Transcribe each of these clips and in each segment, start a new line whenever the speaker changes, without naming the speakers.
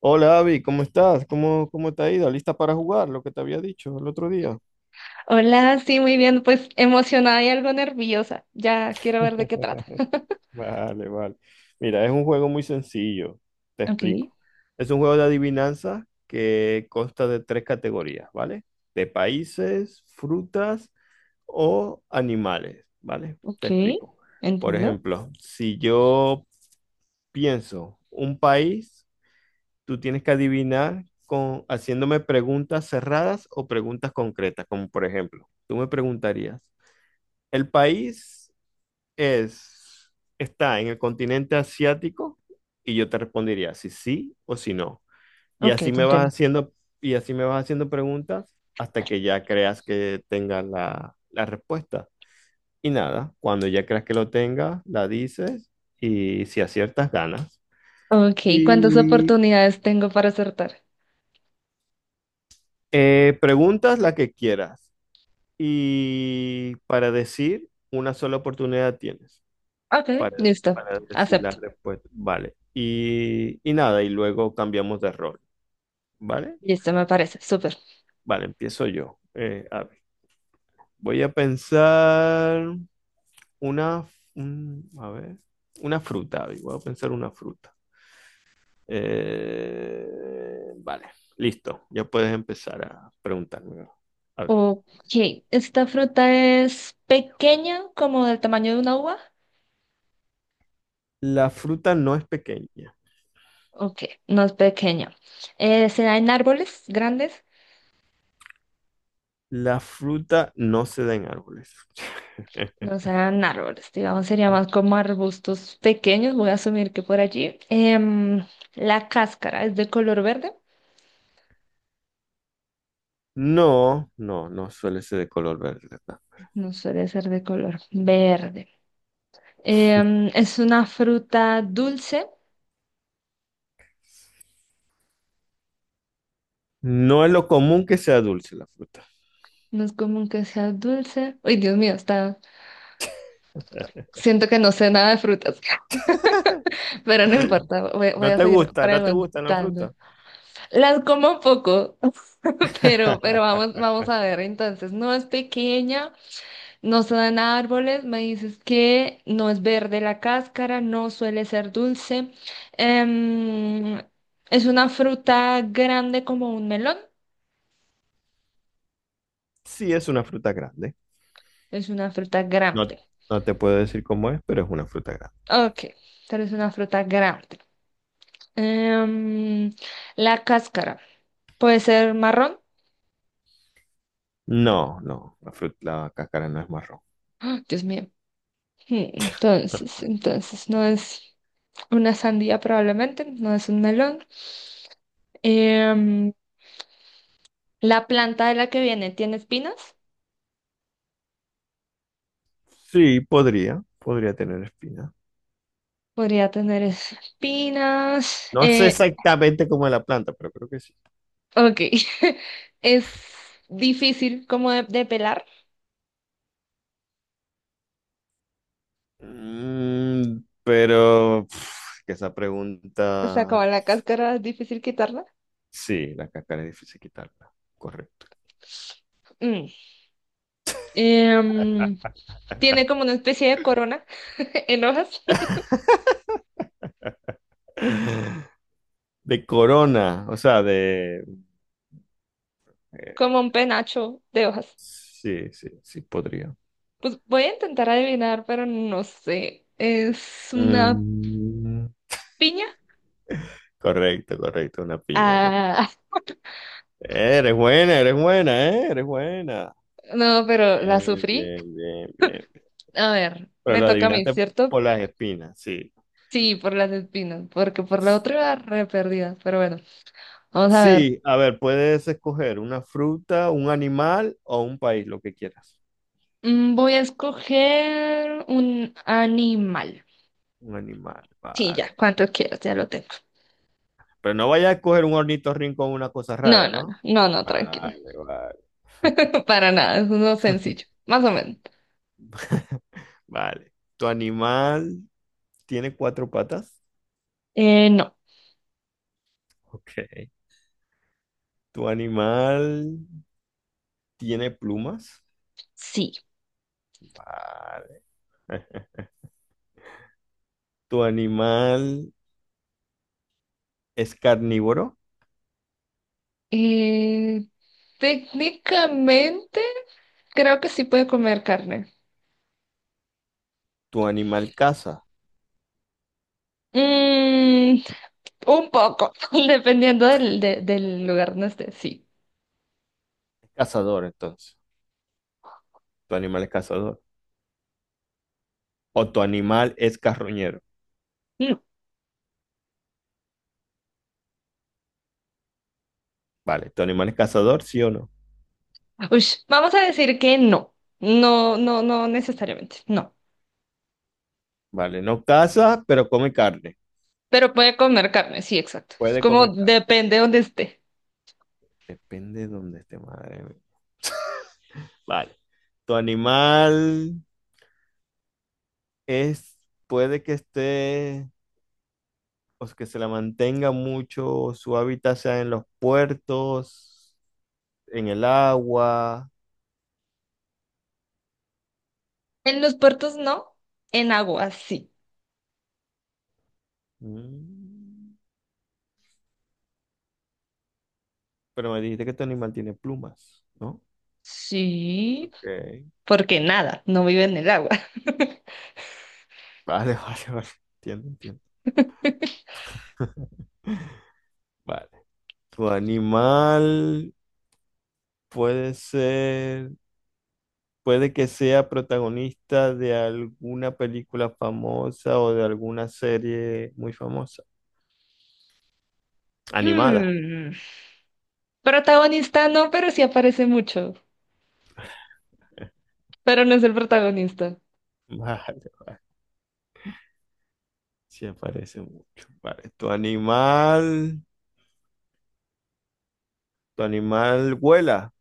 Hola Avi, ¿cómo estás? ¿¿Cómo te ha ido? ¿Lista para jugar? Lo que te había dicho el otro día.
Hola, sí, muy bien, pues emocionada y algo nerviosa. Ya quiero ver de qué trata.
Vale. Mira, es un juego muy sencillo, te
Ok,
explico. Es un juego de adivinanza que consta de tres categorías, ¿vale? De países, frutas o animales, ¿vale? Te
ok,
explico. Por
entiendo.
ejemplo, si yo pienso un país, tú tienes que adivinar haciéndome preguntas cerradas o preguntas concretas, como por ejemplo, tú me preguntarías. El país es, está en el continente asiático y yo te respondería si sí o si no. Y
Ok,
así
te
me vas
entiendo.
haciendo, y así me vas haciendo preguntas hasta que ya creas que tengas la respuesta. Y nada, cuando ya creas que lo tengas, la dices y si aciertas, ganas.
Ok, ¿cuántas
Y
oportunidades tengo para acertar?
preguntas la que quieras. Y para decir, una sola oportunidad tienes.
Ok,
para,
listo,
para decir la
acepto.
respuesta. Vale. Y nada, y luego cambiamos de rol. ¿Vale?
Listo, me parece, súper.
Vale, empiezo yo. A ver, voy a pensar una, a ver, una fruta. Abby, voy a pensar una fruta. Vale, listo. Ya puedes empezar a preguntarme. A
Ok, ¿esta fruta es pequeña, como del tamaño de una uva?
la fruta no es pequeña.
Ok, no es pequeña. ¿Se da en árboles grandes?
La fruta no se da en árboles.
No sean árboles, digamos, sería más como arbustos pequeños. Voy a asumir que por allí. La cáscara es de color verde.
No suele ser de color verde.
No suele ser de color verde. Es una fruta dulce.
No es lo común que sea dulce la fruta.
No es común que sea dulce. Uy, Dios mío, está. Siento que no sé nada de frutas, pero no importa. Voy a seguir
No te gusta la
preguntando.
fruta.
Las como poco, pero vamos a ver. Entonces, no es pequeña. No se dan árboles, me dices que no es verde la cáscara, no suele ser dulce. Em, es una fruta grande como un melón.
Sí, es una fruta grande.
Es una fruta
No,
grande.
no te puedo decir cómo es, pero es una fruta grande.
Ok, pero es una fruta grande. Em, la cáscara puede ser marrón.
No, no, la fruta, la cáscara no es marrón.
¡Ah! Dios mío. Entonces no es una sandía probablemente, no es un melón. Em, la planta de la que viene tiene espinas.
Sí, podría tener espina.
Podría tener espinas.
No sé exactamente cómo es la planta, pero creo que sí.
Ok. Es difícil como de pelar.
Mm, pero pf, que esa
O sea,
pregunta,
como la cáscara es difícil quitarla.
sí, la cáscara es difícil quitarla. Correcto.
Mm. Em, Tiene como una especie de corona en hojas,
De corona, o sea, de... eh,
como un penacho de hojas.
sí, sí, sí, podría.
Pues voy a intentar adivinar, pero no sé. ¿Es una
Mm,
piña?
correcto, correcto, una piña. Una...
Ah,
Eres buena, eres buena, eres buena.
no, pero la
Bien,
sufrí.
bien, bien, bien.
A ver,
Pero
me
lo
toca a mí,
adivinaste
¿cierto?
por las espinas, sí.
Sí, por las espinas, porque por la otra era re perdida. Pero bueno, vamos a ver.
Sí, a ver, puedes escoger una fruta, un animal o un país, lo que quieras.
Voy a escoger un animal.
Un animal,
Sí, ya,
vale.
cuánto quieras, ya lo tengo.
Pero no vayas a escoger un ornitorrinco o una cosa
No,
rara,
no, no,
¿no?
no, no, tranquila.
Vale.
Para nada, es uno sencillo, más o menos.
Vale. ¿Tu animal tiene cuatro patas?
No,
Ok. ¿Tu animal tiene plumas?
sí.
Vale. ¿Tu animal es carnívoro?
Eh, Técnicamente, creo que sí puede comer carne.
¿Tu animal caza?
Mm, un poco, dependiendo del, del lugar donde esté, sí.
Cazador, entonces. ¿Tu animal es cazador? ¿O tu animal es carroñero?
Mm,
Vale. ¿Tu animal es cazador, sí o no?
ush, vamos a decir que no, no, no, no necesariamente, no.
Vale. No caza, pero come carne.
Pero puede comer carne, sí, exacto. Es
Puede
como
comer carne.
depende de donde esté.
Depende de dónde esté, madre mía. Vale. ¿Tu animal es, puede que esté pues, que se la mantenga mucho, su hábitat sea en los puertos, en el agua?
En los puertos no, en agua sí.
Mm, pero me dijiste que tu animal tiene plumas, ¿no?
Sí,
Ok.
porque nada, no vive en el agua.
Vale, vale. Entiendo, entiendo. Vale. Tu animal puede ser, puede que sea protagonista de alguna película famosa o de alguna serie muy famosa. Animada.
Hmm, protagonista no, pero sí aparece mucho. Pero no es el protagonista.
Vale. Sí aparece mucho. Vale. Tu animal. ¿Tu animal vuela?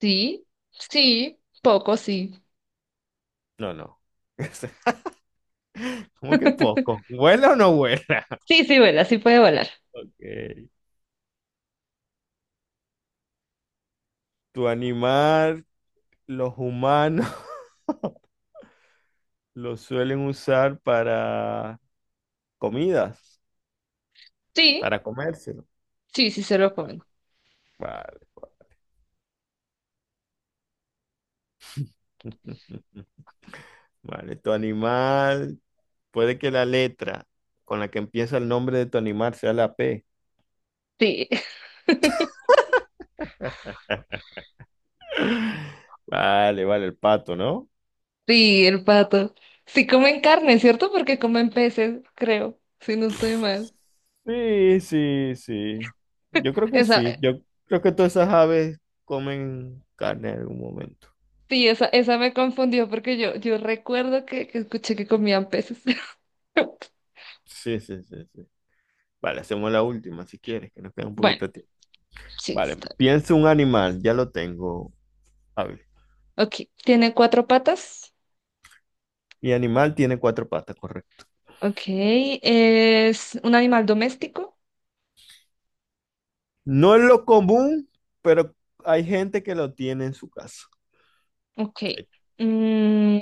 Sí, sí, poco sí.
No. ¿Cómo que poco? ¿Vuela o no vuela?
Sí, sí vuela, sí puede volar.
Ok. ¿Tu animal, los humanos, lo suelen usar para comidas,
Sí,
para comérselo?
sí, sí se lo comen.
Vale. Vale. Vale, tu animal, puede que la letra con la que empieza el nombre de tu animal sea la P.
Sí.
Vale, el pato, ¿no?
Sí, el pato. Sí comen carne, ¿cierto? Porque comen peces, creo, si no estoy mal.
Sí, sí, sí. Yo creo que
Esa,
sí. Yo creo que todas esas aves comen carne en algún momento.
sí, esa me confundió porque yo recuerdo que escuché que comían peces.
Sí, sí, sí, sí. Vale, hacemos la última si quieres, que nos queda un
Bueno,
poquito de tiempo.
sí,
Vale,
está.
piensa un animal, ya lo tengo. A ver,
Bien. Ok, tiene cuatro patas.
mi animal tiene cuatro patas, correcto.
Ok, es un animal doméstico.
No es lo común, pero hay gente que lo tiene en su casa.
Ok.
Ay,
Mm,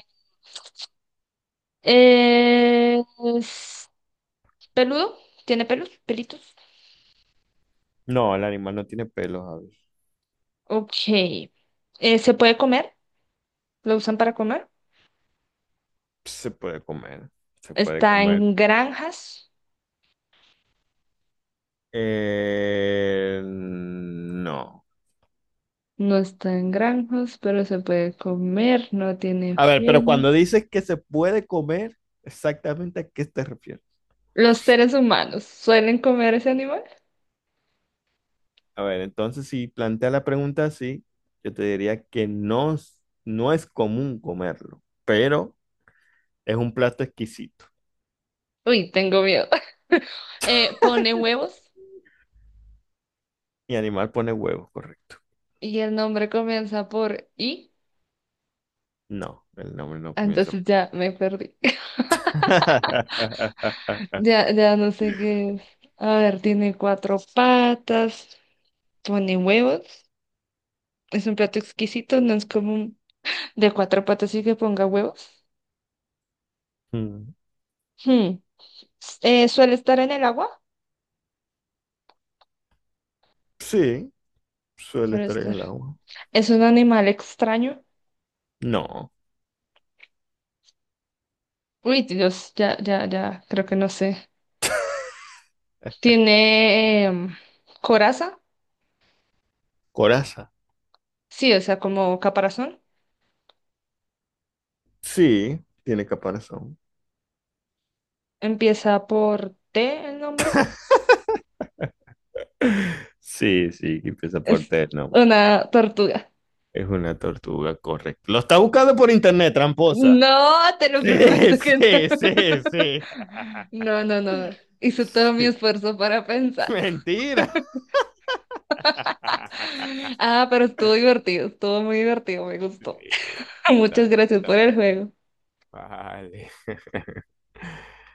es peludo, tiene pelos, pelitos.
no, el animal no tiene pelos, a ver.
Ok. ¿Se puede comer? ¿Lo usan para comer?
Se puede comer, se puede
Está
comer.
en granjas.
No.
No está en granjas, pero se puede comer, no tiene
A ver, pero
pelo.
cuando dices que se puede comer, exactamente a qué te refieres.
Los seres humanos suelen comer ese animal.
A ver, entonces si plantea la pregunta así, yo te diría que no, es- no es común comerlo, pero es un plato exquisito.
Uy, tengo miedo. Pone huevos
Y animal pone huevos, correcto.
y el nombre comienza por I.
No, el nombre no comienza
Entonces
por...
ya me perdí. Ya, ya no sé qué es. A ver, tiene cuatro patas, pone huevos. Es un plato exquisito, no es común de cuatro patas y que ponga huevos.
Mm,
Hmm. Suele estar en el agua.
sí, suele
Suele
estar en
estar.
el agua.
Es un animal extraño.
No,
Uy, Dios, ya, ya, ya, creo que no sé. Tiene coraza,
coraza.
sí, o sea, como caparazón.
Sí, tiene caparazón.
Empieza por T el nombre.
Sí, sí, que empieza por
Es
T, el.
una tortuga.
Es una tortuga, correcto. Lo está buscando por internet, tramposa.
No, te lo
Sí,
prometo que no.
sí, sí, sí.
No, no, no. No. Hice todo mi
Sí.
esfuerzo para pensar.
Mentira.
Ah, pero estuvo divertido, estuvo muy divertido, me
Sí,
gustó.
está
Muchas
bien,
gracias
está
por el
bien.
juego.
Vale.